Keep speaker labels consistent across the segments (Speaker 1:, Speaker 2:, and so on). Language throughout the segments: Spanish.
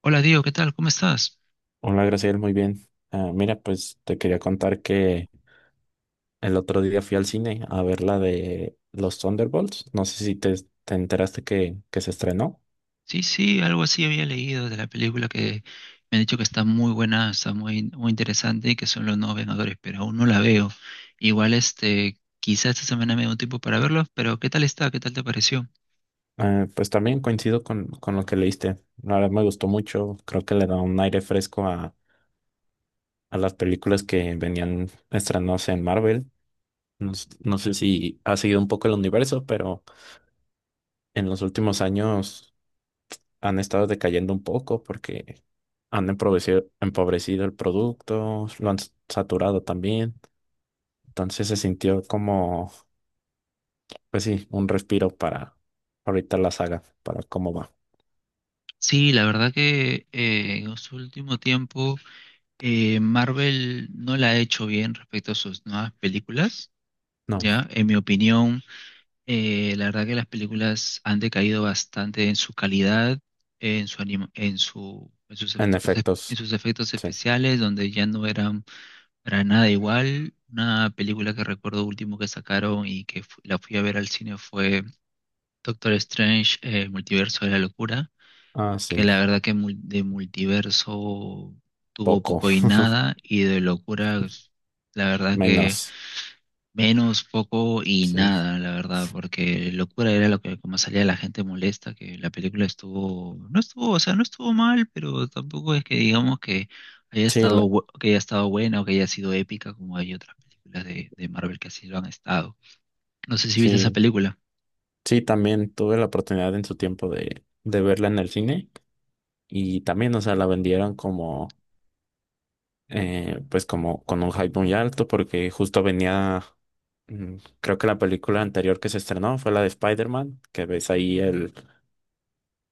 Speaker 1: Hola Diego, ¿qué tal? ¿Cómo estás?
Speaker 2: Hola, Graciela, muy bien. Ah, mira, pues te quería contar que el otro día fui al cine a ver la de los Thunderbolts. No sé si te enteraste que se estrenó.
Speaker 1: Sí, sí, algo así había leído de la película que me han dicho que está muy buena, está muy, muy interesante y que son los nuevos Vengadores, pero aún no la veo. Igual este, quizás esta semana me dé un tiempo para verlo, pero ¿qué tal está? ¿Qué tal te pareció?
Speaker 2: Ah, pues también coincido con lo que leíste. La verdad me gustó mucho. Creo que le da un aire fresco a las películas que venían estrenándose en Marvel. No, no sé si ha seguido un poco el universo, pero en los últimos años han estado decayendo un poco porque han empobrecido el producto, lo han saturado también. Entonces se sintió como, pues sí, un respiro para ahorita la saga, para cómo va.
Speaker 1: Sí, la verdad que en su último tiempo Marvel no la ha hecho bien respecto a sus nuevas películas,
Speaker 2: No,
Speaker 1: ¿ya? En mi opinión. La verdad que las películas han decaído bastante en su calidad, en su, en sus
Speaker 2: en
Speaker 1: efectos, en
Speaker 2: efectos,
Speaker 1: sus efectos
Speaker 2: sí.
Speaker 1: especiales, donde ya no eran para nada igual. Una película que recuerdo último que sacaron y que la fui a ver al cine fue Doctor Strange, Multiverso de la Locura,
Speaker 2: Ah,
Speaker 1: que
Speaker 2: sí,
Speaker 1: la verdad que de multiverso tuvo
Speaker 2: poco,
Speaker 1: poco y nada, y de locura, la verdad que
Speaker 2: menos,
Speaker 1: Menos, poco y
Speaker 2: sí.
Speaker 1: nada, la verdad, porque locura era lo que como salía la gente molesta, que la película estuvo, no estuvo, o sea, no estuvo mal, pero tampoco es que digamos que haya
Speaker 2: Sí,
Speaker 1: estado, que haya estado buena o que haya sido épica como hay otras películas de Marvel que así lo han estado. No sé si viste esa
Speaker 2: sí,
Speaker 1: película.
Speaker 2: sí, también tuve la oportunidad en su tiempo de verla en el cine y también, o sea, la vendieron como pues como con un hype muy alto porque justo venía, creo que la película anterior que se estrenó fue la de Spider-Man, que ves ahí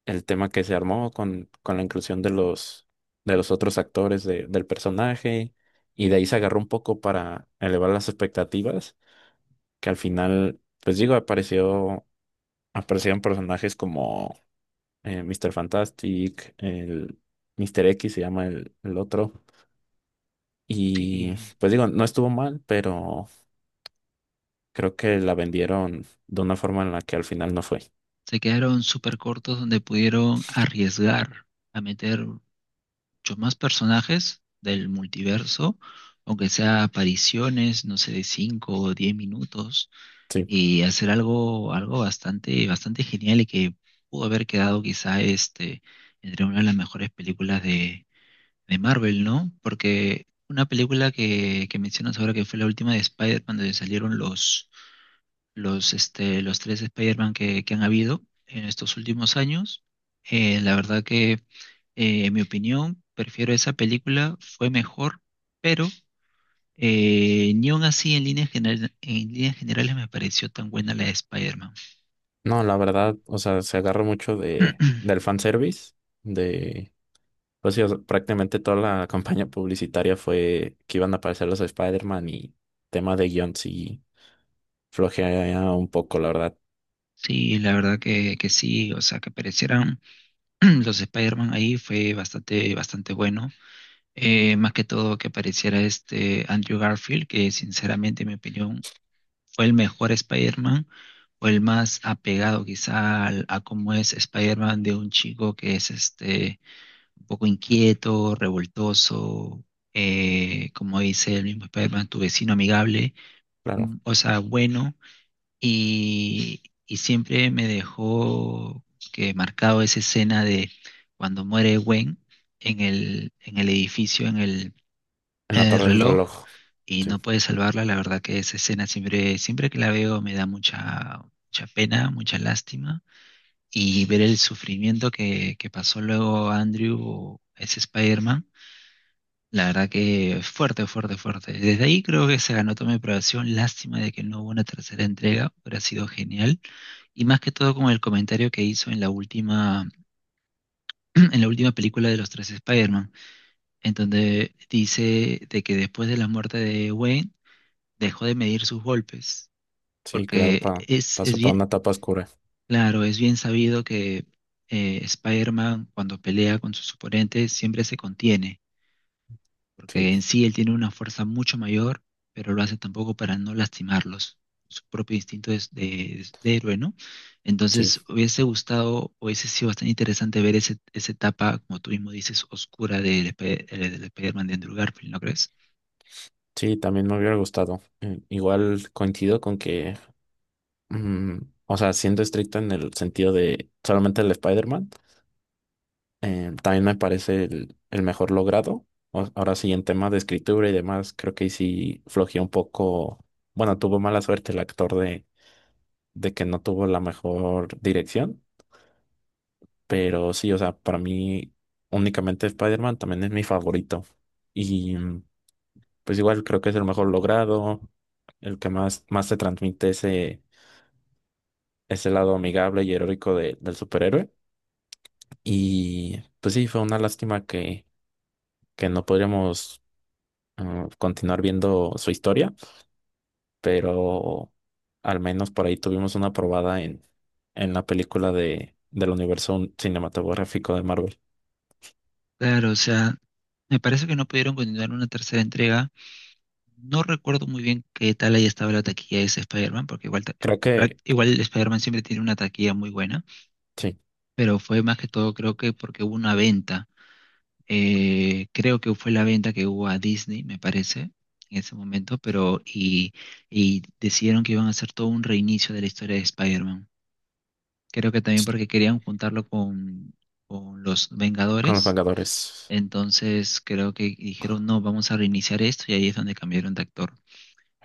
Speaker 2: el tema que se armó con la inclusión de los otros actores del personaje y de ahí se agarró un poco para elevar las expectativas, que al final, pues digo, apareció, aparecieron personajes como Mr. Fantastic, el Mr. X se llama el otro. Y
Speaker 1: Sí,
Speaker 2: pues digo, no estuvo mal, pero creo que la vendieron de una forma en la que al final no fue.
Speaker 1: se quedaron súper cortos donde pudieron arriesgar a meter muchos más personajes del multiverso, aunque sea apariciones, no sé, de 5 o 10 minutos
Speaker 2: Sí.
Speaker 1: y hacer algo, algo bastante, bastante genial y que pudo haber quedado quizá este, entre una de las mejores películas de Marvel, ¿no? Porque una película que mencionas ahora que fue la última de Spider-Man, donde salieron los, este, los tres Spider-Man que han habido en estos últimos años, la verdad que, en mi opinión, prefiero esa película, fue mejor, pero... Ni aun así en líneas generales me pareció tan buena la de Spider-Man.
Speaker 2: No, la verdad, o sea, se agarró mucho del fanservice, de, pues sí, o sea, prácticamente toda la campaña publicitaria fue que iban a aparecer los Spider-Man y tema de guion sí flojea un poco, la verdad.
Speaker 1: Sí, la verdad que sí, o sea, que aparecieran los Spider-Man ahí fue bastante, bastante bueno. Más que todo que apareciera este Andrew Garfield, que sinceramente, en mi opinión, fue el mejor Spider-Man o el más apegado quizá a cómo es Spider-Man, de un chico que es este un poco inquieto, revoltoso, como dice el mismo Spider-Man, tu vecino amigable,
Speaker 2: Claro,
Speaker 1: mm, o sea, bueno. Y siempre me dejó que marcado esa escena de cuando muere Gwen en el edificio,
Speaker 2: en
Speaker 1: en
Speaker 2: la
Speaker 1: el
Speaker 2: Torre del
Speaker 1: reloj,
Speaker 2: Reloj.
Speaker 1: y
Speaker 2: Sí,
Speaker 1: no puede salvarla. La verdad que esa escena siempre, siempre que la veo me da mucha, mucha pena, mucha lástima. Y ver el sufrimiento que pasó luego Andrew, o ese Spider-Man, la verdad que fuerte, fuerte, fuerte. Desde ahí creo que se ganó toda mi aprobación. Lástima de que no hubo una tercera entrega, hubiera sido genial, y más que todo con el comentario que hizo en la última, en la última película de los tres Spider-Man, en donde dice de que después de la muerte de Wayne dejó de medir sus golpes,
Speaker 2: sí, claro,
Speaker 1: porque
Speaker 2: pa,
Speaker 1: es
Speaker 2: pasó para una
Speaker 1: bien,
Speaker 2: etapa oscura.
Speaker 1: claro, es bien sabido que Spider-Man cuando pelea con sus oponentes siempre se contiene
Speaker 2: Sí,
Speaker 1: porque en sí él tiene una fuerza mucho mayor, pero lo hace tampoco para no lastimarlos, su propio instinto es de héroe, ¿no?
Speaker 2: sí,
Speaker 1: Entonces hubiese gustado, hubiese sido bastante interesante ver ese, esa etapa, como tú mismo dices, oscura del del Spider-Man de Andrew Garfield, ¿no crees?
Speaker 2: sí, también me hubiera gustado. Igual coincido con que mm, o sea, siendo estricto en el sentido de solamente el Spider-Man, también me parece el mejor logrado. Ahora sí, en temas de escritura y demás, creo que ahí sí flojeó un poco. Bueno, tuvo mala suerte el actor de que no tuvo la mejor dirección, pero sí, o sea, para mí únicamente Spider-Man también es mi favorito. Y pues igual creo que es el mejor logrado, el que más, más te transmite ese, ese lado amigable y heroico del superhéroe. Y pues sí, fue una lástima que no podríamos continuar viendo su historia, pero al menos por ahí tuvimos una probada en la película de, del universo cinematográfico de Marvel.
Speaker 1: Claro, o sea, me parece que no pudieron continuar una tercera entrega. No recuerdo muy bien qué tal ahí estaba la taquilla de ese Spider-Man, porque igual,
Speaker 2: Creo que
Speaker 1: igual el Spider-Man siempre tiene una taquilla muy buena,
Speaker 2: sí,
Speaker 1: pero fue más que todo creo que porque hubo una venta. Creo que fue la venta que hubo a Disney, me parece, en ese momento, pero y decidieron que iban a hacer todo un reinicio de la historia de Spider-Man. Creo que también porque querían juntarlo con los
Speaker 2: con los
Speaker 1: Vengadores.
Speaker 2: Vengadores.
Speaker 1: Entonces creo que dijeron, no, vamos a reiniciar esto y ahí es donde cambiaron de actor.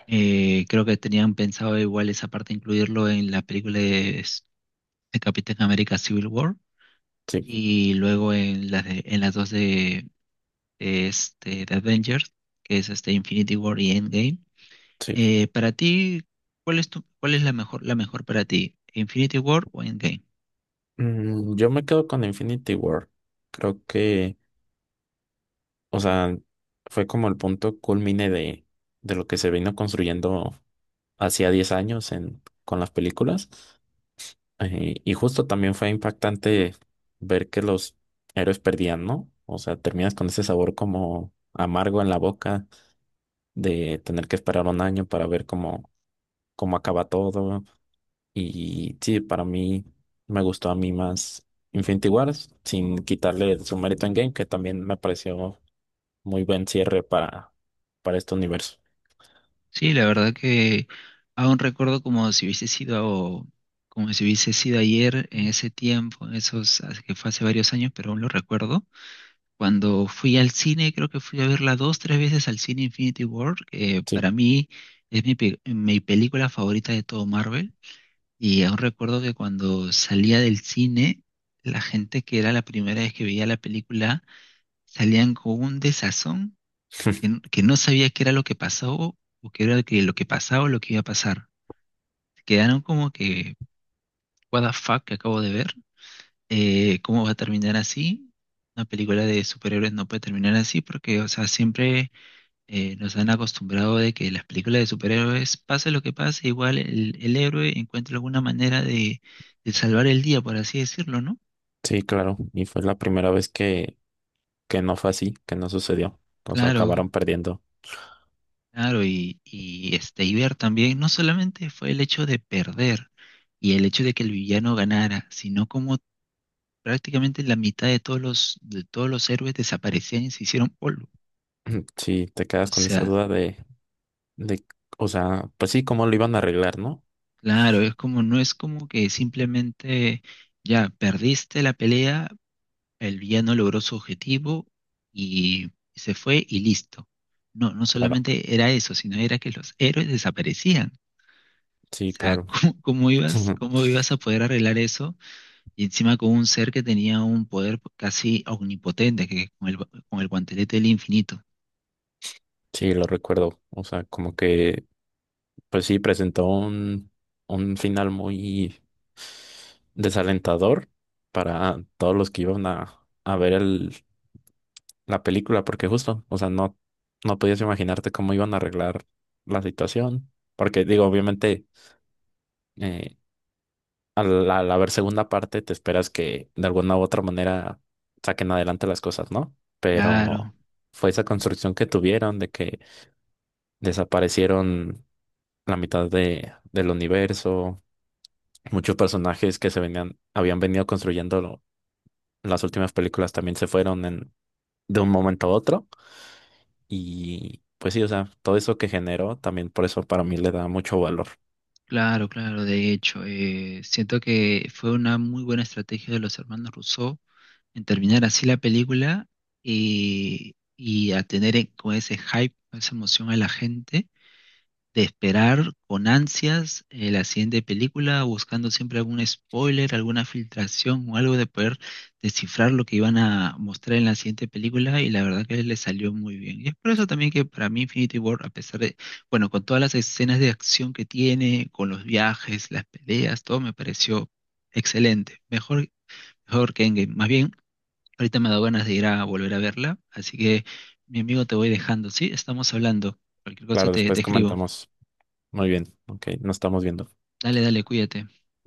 Speaker 1: Creo que tenían pensado igual esa parte incluirlo en la película de Capitán América Civil War
Speaker 2: Sí,
Speaker 1: y luego en las dos este, de Avengers, que es este Infinity War y Endgame.
Speaker 2: sí.
Speaker 1: Para ti, ¿cuál es tu, cuál es la mejor para ti? ¿Infinity War o Endgame?
Speaker 2: Yo me quedo con Infinity War. Creo que, o sea, fue como el punto culmine de lo que se vino construyendo hacía 10 años en, con las películas. Y justo también fue impactante ver que los héroes perdían, ¿no? O sea, terminas con ese sabor como amargo en la boca de tener que esperar un año para ver cómo, cómo acaba todo. Y sí, para mí me gustó a mí más Infinity Wars sin quitarle su mérito en Game, que también me pareció muy buen cierre para este universo.
Speaker 1: Sí, la verdad que aún recuerdo como si hubiese sido, como si hubiese sido ayer en ese tiempo, en esos, que fue hace varios años, pero aún lo recuerdo. Cuando fui al cine, creo que fui a verla dos, tres veces al cine Infinity War, que
Speaker 2: Sí,
Speaker 1: para mí es mi, mi película favorita de todo Marvel. Y aún recuerdo que cuando salía del cine, la gente que era la primera vez que veía la película salían con un desazón que, que no sabía qué era lo que pasó o qué lo que pasaba o lo que iba a pasar. Quedaron como que, what the fuck que acabo de ver. ¿Cómo va a terminar así? Una película de superhéroes no puede terminar así porque, o sea, siempre nos han acostumbrado de que las películas de superhéroes, pase lo que pase, igual el héroe encuentra alguna manera de salvar el día, por así decirlo, ¿no?
Speaker 2: sí, claro. Y fue la primera vez que no fue así, que no sucedió. O sea,
Speaker 1: Claro,
Speaker 2: acabaron perdiendo.
Speaker 1: claro, y este, y ver también, no solamente fue el hecho de perder y el hecho de que el villano ganara, sino como prácticamente la mitad de todos los héroes desaparecían y se hicieron polvo.
Speaker 2: Sí, te quedas
Speaker 1: O
Speaker 2: con esa
Speaker 1: sea,
Speaker 2: duda de, o sea, pues sí, cómo lo iban a arreglar, ¿no?
Speaker 1: claro, es como, no es como que simplemente ya perdiste la pelea. El villano logró su objetivo y se fue y listo. No, no
Speaker 2: Claro,
Speaker 1: solamente era eso, sino era que los héroes desaparecían. O
Speaker 2: sí,
Speaker 1: sea,
Speaker 2: claro.
Speaker 1: ¿cómo, cómo ibas a poder arreglar eso? Y encima con un ser que tenía un poder casi omnipotente, que con el guantelete del infinito.
Speaker 2: Sí, lo recuerdo. O sea, como que, pues sí, presentó un final muy desalentador para todos los que iban a ver el, la película, porque justo, o sea, no, no podías imaginarte cómo iban a arreglar la situación, porque digo, obviamente, eh, al, al haber segunda parte, te esperas que de alguna u otra manera saquen adelante las cosas, ¿no?
Speaker 1: Claro,
Speaker 2: Pero fue esa construcción que tuvieron de que desaparecieron la mitad de, del universo, muchos personajes que se venían, habían venido construyendo las últimas películas también se fueron en, de un momento a otro y pues sí, o sea, todo eso que generó también por eso para mí le da mucho valor.
Speaker 1: claro, claro. De hecho, siento que fue una muy buena estrategia de los hermanos Rousseau en terminar así la película, y a tener con ese hype, con esa emoción a la gente, de esperar con ansias la siguiente película, buscando siempre algún spoiler, alguna filtración o algo de poder descifrar lo que iban a mostrar en la siguiente película, y la verdad que le salió muy bien. Y es por eso también que para mí Infinity War, a pesar de, bueno, con todas las escenas de acción que tiene, con los viajes, las peleas, todo me pareció excelente, mejor, mejor que Endgame. Más bien, ahorita me ha dado ganas de ir a volver a verla, así que mi amigo te voy dejando, ¿sí? Estamos hablando. Cualquier cosa
Speaker 2: Claro,
Speaker 1: te, te
Speaker 2: después
Speaker 1: escribo.
Speaker 2: comentamos. Muy bien, ok, nos estamos viendo.
Speaker 1: Dale, dale, cuídate.